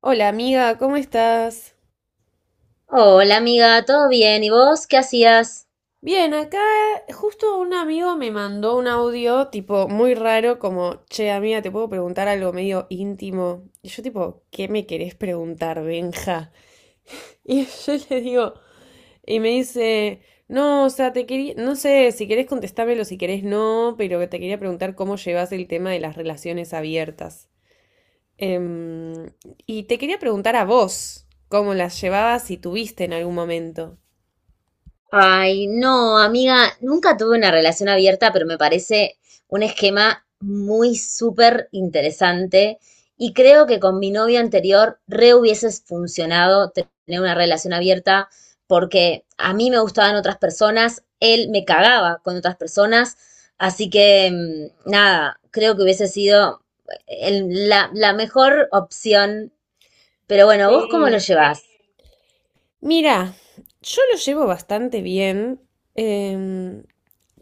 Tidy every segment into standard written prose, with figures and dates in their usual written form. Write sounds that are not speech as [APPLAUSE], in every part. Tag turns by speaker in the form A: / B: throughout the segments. A: Hola amiga, ¿cómo estás?
B: Hola amiga, ¿todo bien? ¿Y vos qué hacías?
A: Bien, acá justo un amigo me mandó un audio tipo muy raro como, che amiga, te puedo preguntar algo medio íntimo. Y yo tipo, ¿qué me querés preguntar, Benja? Y [LAUGHS] yo le digo, y me dice, no, o sea, te quería, no sé, si querés contestármelo, si querés no, pero te quería preguntar cómo llevas el tema de las relaciones abiertas. Em, y te quería preguntar a vos cómo las llevabas si tuviste en algún momento.
B: Ay, no, amiga, nunca tuve una relación abierta, pero me parece un esquema muy súper interesante y creo que con mi novio anterior re hubieses funcionado tener una relación abierta porque a mí me gustaban otras personas, él me cagaba con otras personas, así que nada, creo que hubiese sido la mejor opción, pero bueno, ¿vos cómo lo
A: Sí.
B: llevás?
A: Mira, yo lo llevo bastante bien. em,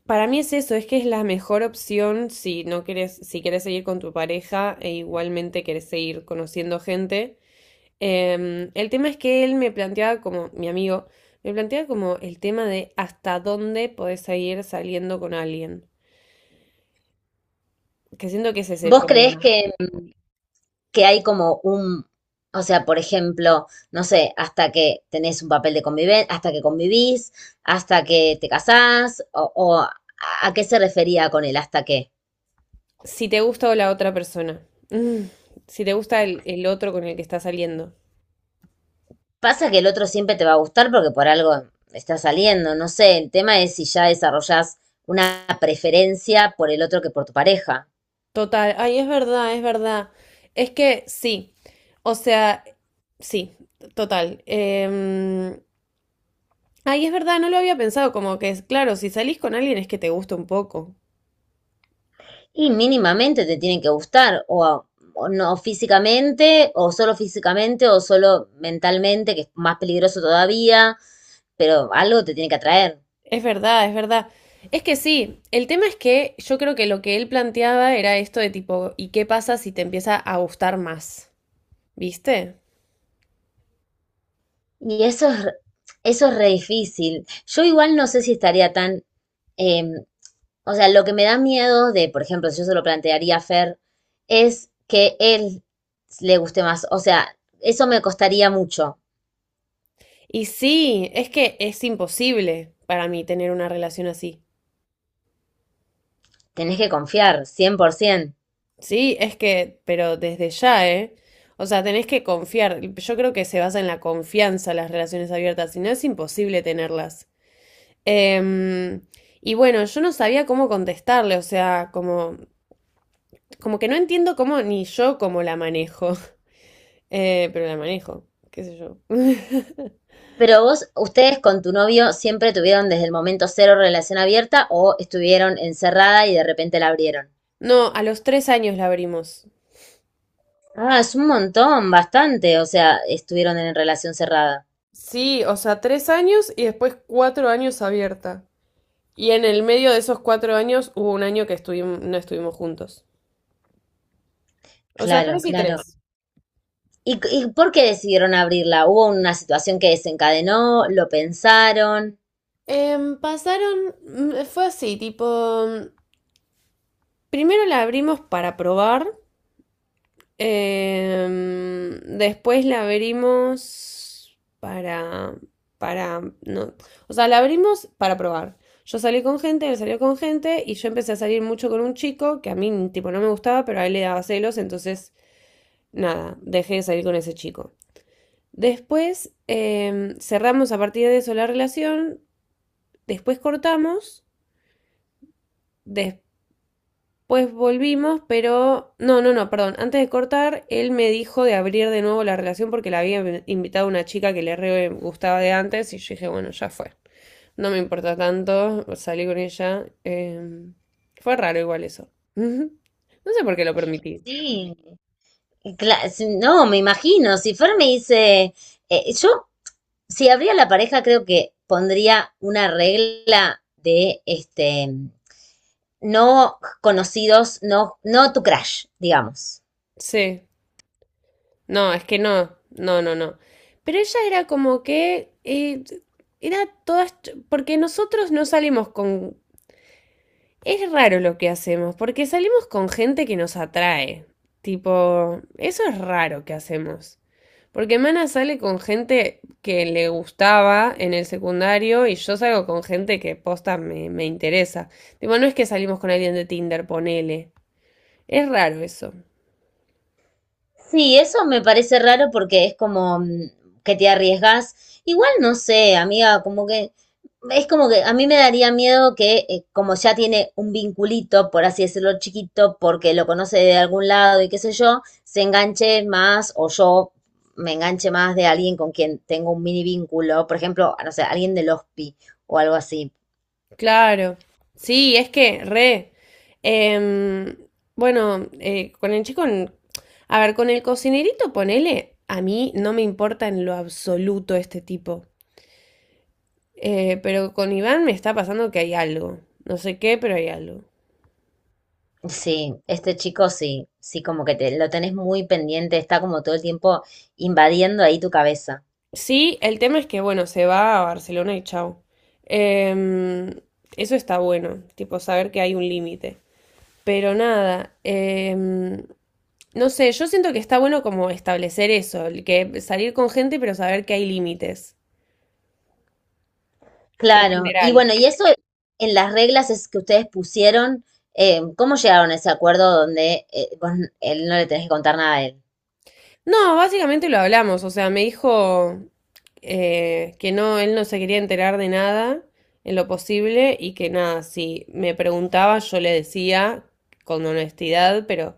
A: para mí es eso, es que es la mejor opción si no querés, si querés seguir con tu pareja e igualmente querés seguir conociendo gente. El tema es que él me planteaba como, mi amigo, me planteaba como el tema de hasta dónde podés seguir saliendo con alguien. Que siento que ese es el
B: ¿Vos creés
A: problema.
B: que hay como un, o sea, por ejemplo, no sé, hasta que tenés un papel de convivencia, hasta que convivís, hasta que te casás, o a qué se refería con el hasta qué.
A: Si te gusta o la otra persona. Mm, si te gusta el otro con el que estás saliendo.
B: Pasa que el otro siempre te va a gustar porque por algo está saliendo, no sé, el tema es si ya desarrollás una preferencia por el otro que por tu pareja.
A: Total, ay, es verdad, es verdad. Es que sí, o sea, sí, total. Ay, es verdad, no lo había pensado, como que es claro, si salís con alguien es que te gusta un poco.
B: Y mínimamente te tienen que gustar, o no físicamente, o solo físicamente, o solo mentalmente, que es más peligroso todavía, pero algo te tiene que atraer.
A: Es verdad, es verdad. Es que sí, el tema es que yo creo que lo que él planteaba era esto de tipo, ¿y qué pasa si te empieza a gustar más? ¿Viste?
B: Y eso es re difícil. Yo igual no sé si estaría tan... eh, o sea, lo que me da miedo de, por ejemplo, si yo se lo plantearía a Fer, es que él le guste más. O sea, eso me costaría mucho.
A: Y sí, es que es imposible para mí tener una relación así.
B: Tenés que confiar, 100%.
A: Sí, es que, pero desde ya, ¿eh? O sea, tenés que confiar. Yo creo que se basa en la confianza las relaciones abiertas, si no es imposible tenerlas. Em, y bueno, yo no sabía cómo contestarle, o sea, como, como que no entiendo cómo ni yo cómo la manejo. [LAUGHS] Pero la manejo, qué sé yo. [LAUGHS]
B: Pero vos, ustedes con tu novio siempre tuvieron desde el momento cero relación abierta o estuvieron encerrada y de repente la abrieron.
A: No, a los tres años la abrimos.
B: Ah, es un montón, bastante. O sea, estuvieron en relación cerrada.
A: Sí, o sea, tres años y después cuatro años abierta. Y en el medio de esos cuatro años hubo un año que estuvimos, no estuvimos juntos. O sea,
B: Claro,
A: tres y
B: claro.
A: tres.
B: Y por qué decidieron abrirla? ¿Hubo una situación que desencadenó? ¿Lo pensaron?
A: Fue así, tipo, primero la abrimos para probar, después la abrimos para, no, o sea, la abrimos para probar. Yo salí con gente, él salió con gente y yo empecé a salir mucho con un chico que a mí, tipo, no me gustaba, pero a él le daba celos, entonces, nada, dejé de salir con ese chico. Después, cerramos a partir de eso la relación, después cortamos. Des- Pues volvimos, pero… No, no, no, perdón. Antes de cortar, él me dijo de abrir de nuevo la relación porque la había invitado una chica que le re gustaba de antes y yo dije, bueno, ya fue. No me importa tanto, salí con ella. Fue raro igual eso. [LAUGHS] No sé por qué lo permití.
B: Sí, y cla- si- no, me imagino. Si Fer me dice, yo, si abría la pareja, creo que pondría una regla de este, no conocidos, no tu crush, digamos.
A: Sí. No, es que no. No, no, no. Pero ella era como que… era Porque nosotros no salimos con… Es raro lo que hacemos, porque salimos con gente que nos atrae. Tipo, eso es raro que hacemos. Porque Mana sale con gente que le gustaba en el secundario y yo salgo con gente que posta me interesa. Tipo, no es que salimos con alguien de Tinder, ponele. Es raro eso.
B: Sí, eso me parece raro porque es como que te arriesgas. Igual no sé, amiga, como que es como que a mí me daría miedo que como ya tiene un vinculito, por así decirlo, chiquito, porque lo conoce de algún lado y qué sé yo, se enganche más o yo me enganche más de alguien con quien tengo un mini vínculo, por ejemplo, no sé, alguien del hospi o algo así.
A: Claro. Sí, es que, re. Em, bueno, con el chico, a ver, con el cocinerito, ponele, a mí no me importa en lo absoluto este tipo. Pero con Iván me está pasando que hay algo. No sé qué, pero hay algo.
B: Sí, este chico sí, sí, como que te, lo tenés muy pendiente, está como todo el tiempo invadiendo ahí tu cabeza.
A: Sí, el tema es que, bueno, se va a Barcelona y chao. Em, Eso está bueno, tipo saber que hay un límite. Pero nada, no sé, yo siento que está bueno como establecer eso, el que salir con gente, pero saber que hay límites en
B: Claro, y
A: general.
B: bueno, y eso en las reglas es que ustedes pusieron, ¿cómo llegaron a ese acuerdo donde vos n- él no le tenés que contar nada a él?
A: No, básicamente lo hablamos, o sea, me dijo que no, él no se quería enterar de nada en lo posible y que nada, si me preguntaba yo le decía con honestidad, pero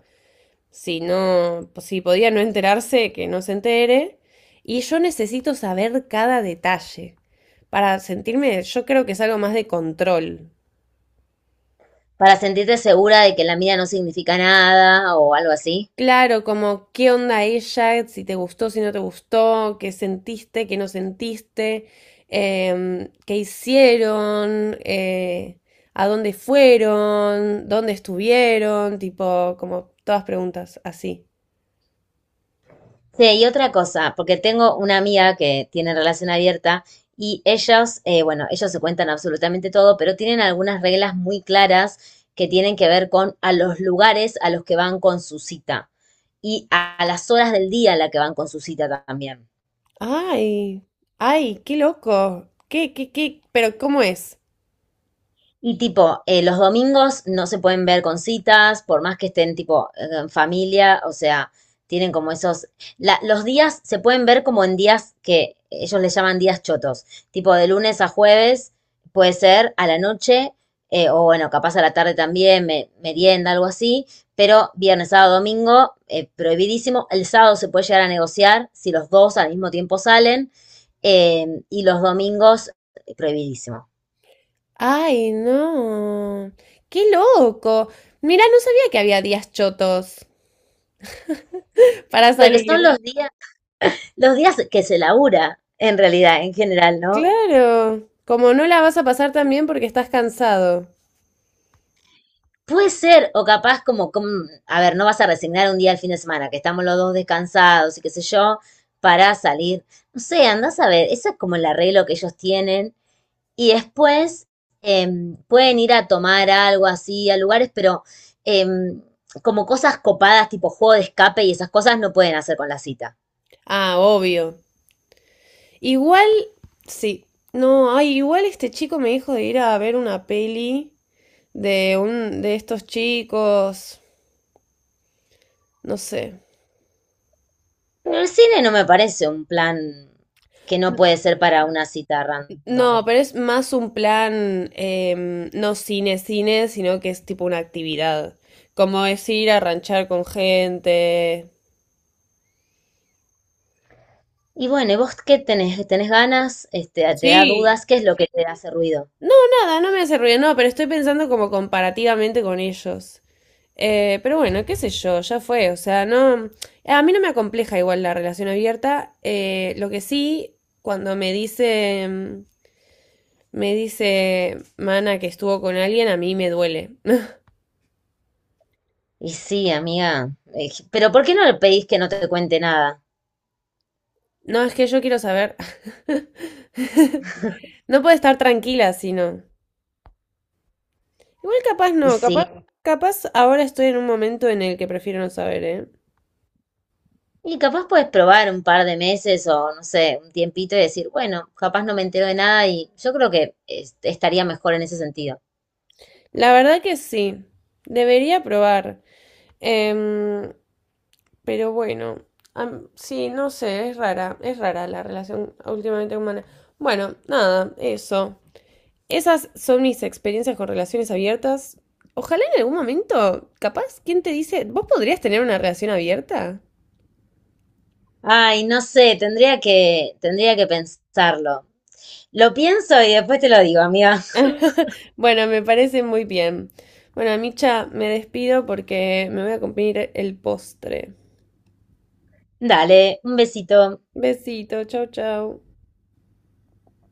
A: si no, si podía no enterarse, que no se entere. Y yo necesito saber cada detalle para sentirme, yo creo que es algo más de control.
B: Para sentirte segura de que la mía no significa nada o algo así.
A: Claro, como qué onda ella, si te gustó, si no te gustó, qué sentiste, qué no sentiste, qué hicieron, a dónde fueron, dónde estuvieron, tipo, como todas preguntas así.
B: Sí, y otra cosa, porque tengo una amiga que tiene relación abierta y ellos, bueno, ellos se cuentan absolutamente todo, pero tienen algunas reglas muy claras que tienen que ver con a los lugares a los que van con su cita y a las horas del día a la que van con su cita también.
A: Ay, ay, qué loco, qué, qué, qué, pero ¿cómo es?
B: Y tipo, los domingos no se pueden ver con citas, por más que estén tipo en familia, o sea, tienen como esos... los días se pueden ver como en días que ellos les llaman días chotos, tipo de lunes a jueves, puede ser a la noche, o bueno, capaz a la tarde también, me- merienda, algo así, pero viernes, sábado, domingo, prohibidísimo. El sábado se puede llegar a negociar si los dos al mismo tiempo salen, y los domingos, prohibidísimo.
A: Ay, no, qué loco. Mira, no sabía que había días chotos [LAUGHS] para
B: Porque son
A: salir.
B: los días que se labura, en realidad, en general, ¿no?
A: Claro, como no la vas a pasar tan bien porque estás cansado.
B: Puede ser, o capaz como, a ver, no vas a resignar un día al fin de semana, que estamos los dos descansados y qué sé yo, para salir. No sé, andás a ver, ese es como el arreglo que ellos tienen. Y después eh, pueden ir a tomar algo así a lugares, pero eh, como cosas copadas, tipo juego de escape y esas cosas no pueden hacer con la cita.
A: Ah, obvio. Igual, sí. No, ay, igual este chico me dijo de ir a ver una peli de un de estos chicos, no sé.
B: Pero el cine no me parece un plan que no puede ser para una cita random.
A: No, pero es más un plan, no cine cine, sino que es tipo una actividad. Como es ir a ranchar con gente.
B: Y bueno, ¿y vos qué tenés? ¿Tenés ganas? Este, ¿te da
A: Sí,
B: dudas? ¿Qué es lo que te hace ruido?
A: no, nada, no me hace ruido, no, pero estoy pensando como comparativamente con ellos. Pero bueno, qué sé yo, ya fue. O sea, no. A mí no me acompleja igual la relación abierta. Lo que sí, cuando me dice, me dice Mana que estuvo con alguien, a mí me duele. [LAUGHS]
B: Y sí, amiga. Pero ¿por qué no le pedís que no te cuente nada?
A: No, es que yo quiero saber. [LAUGHS] No puede estar tranquila, sino. Igual capaz
B: Y
A: no,
B: sí.
A: capaz ahora estoy en un momento en el que prefiero no saber, ¿eh?
B: Y capaz puedes probar un par de meses o no sé, un tiempito y decir, bueno, capaz no me entero de nada y yo creo que es- estaría mejor en ese sentido.
A: La verdad que sí. Debería probar. Em, Pero bueno, sí, no sé, es rara la relación últimamente humana. Bueno, nada, eso. Esas son mis experiencias con relaciones abiertas. Ojalá en algún momento, capaz, ¿quién te dice? ¿Vos podrías tener una relación abierta?
B: Ay, no sé, tendría que pensarlo. Lo pienso y después te lo digo, amiga. [LAUGHS]
A: Bueno, me parece muy bien. Bueno, Micha, me despido porque me voy a cumplir el postre.
B: Dale, un besito.
A: Besito, chau, chau.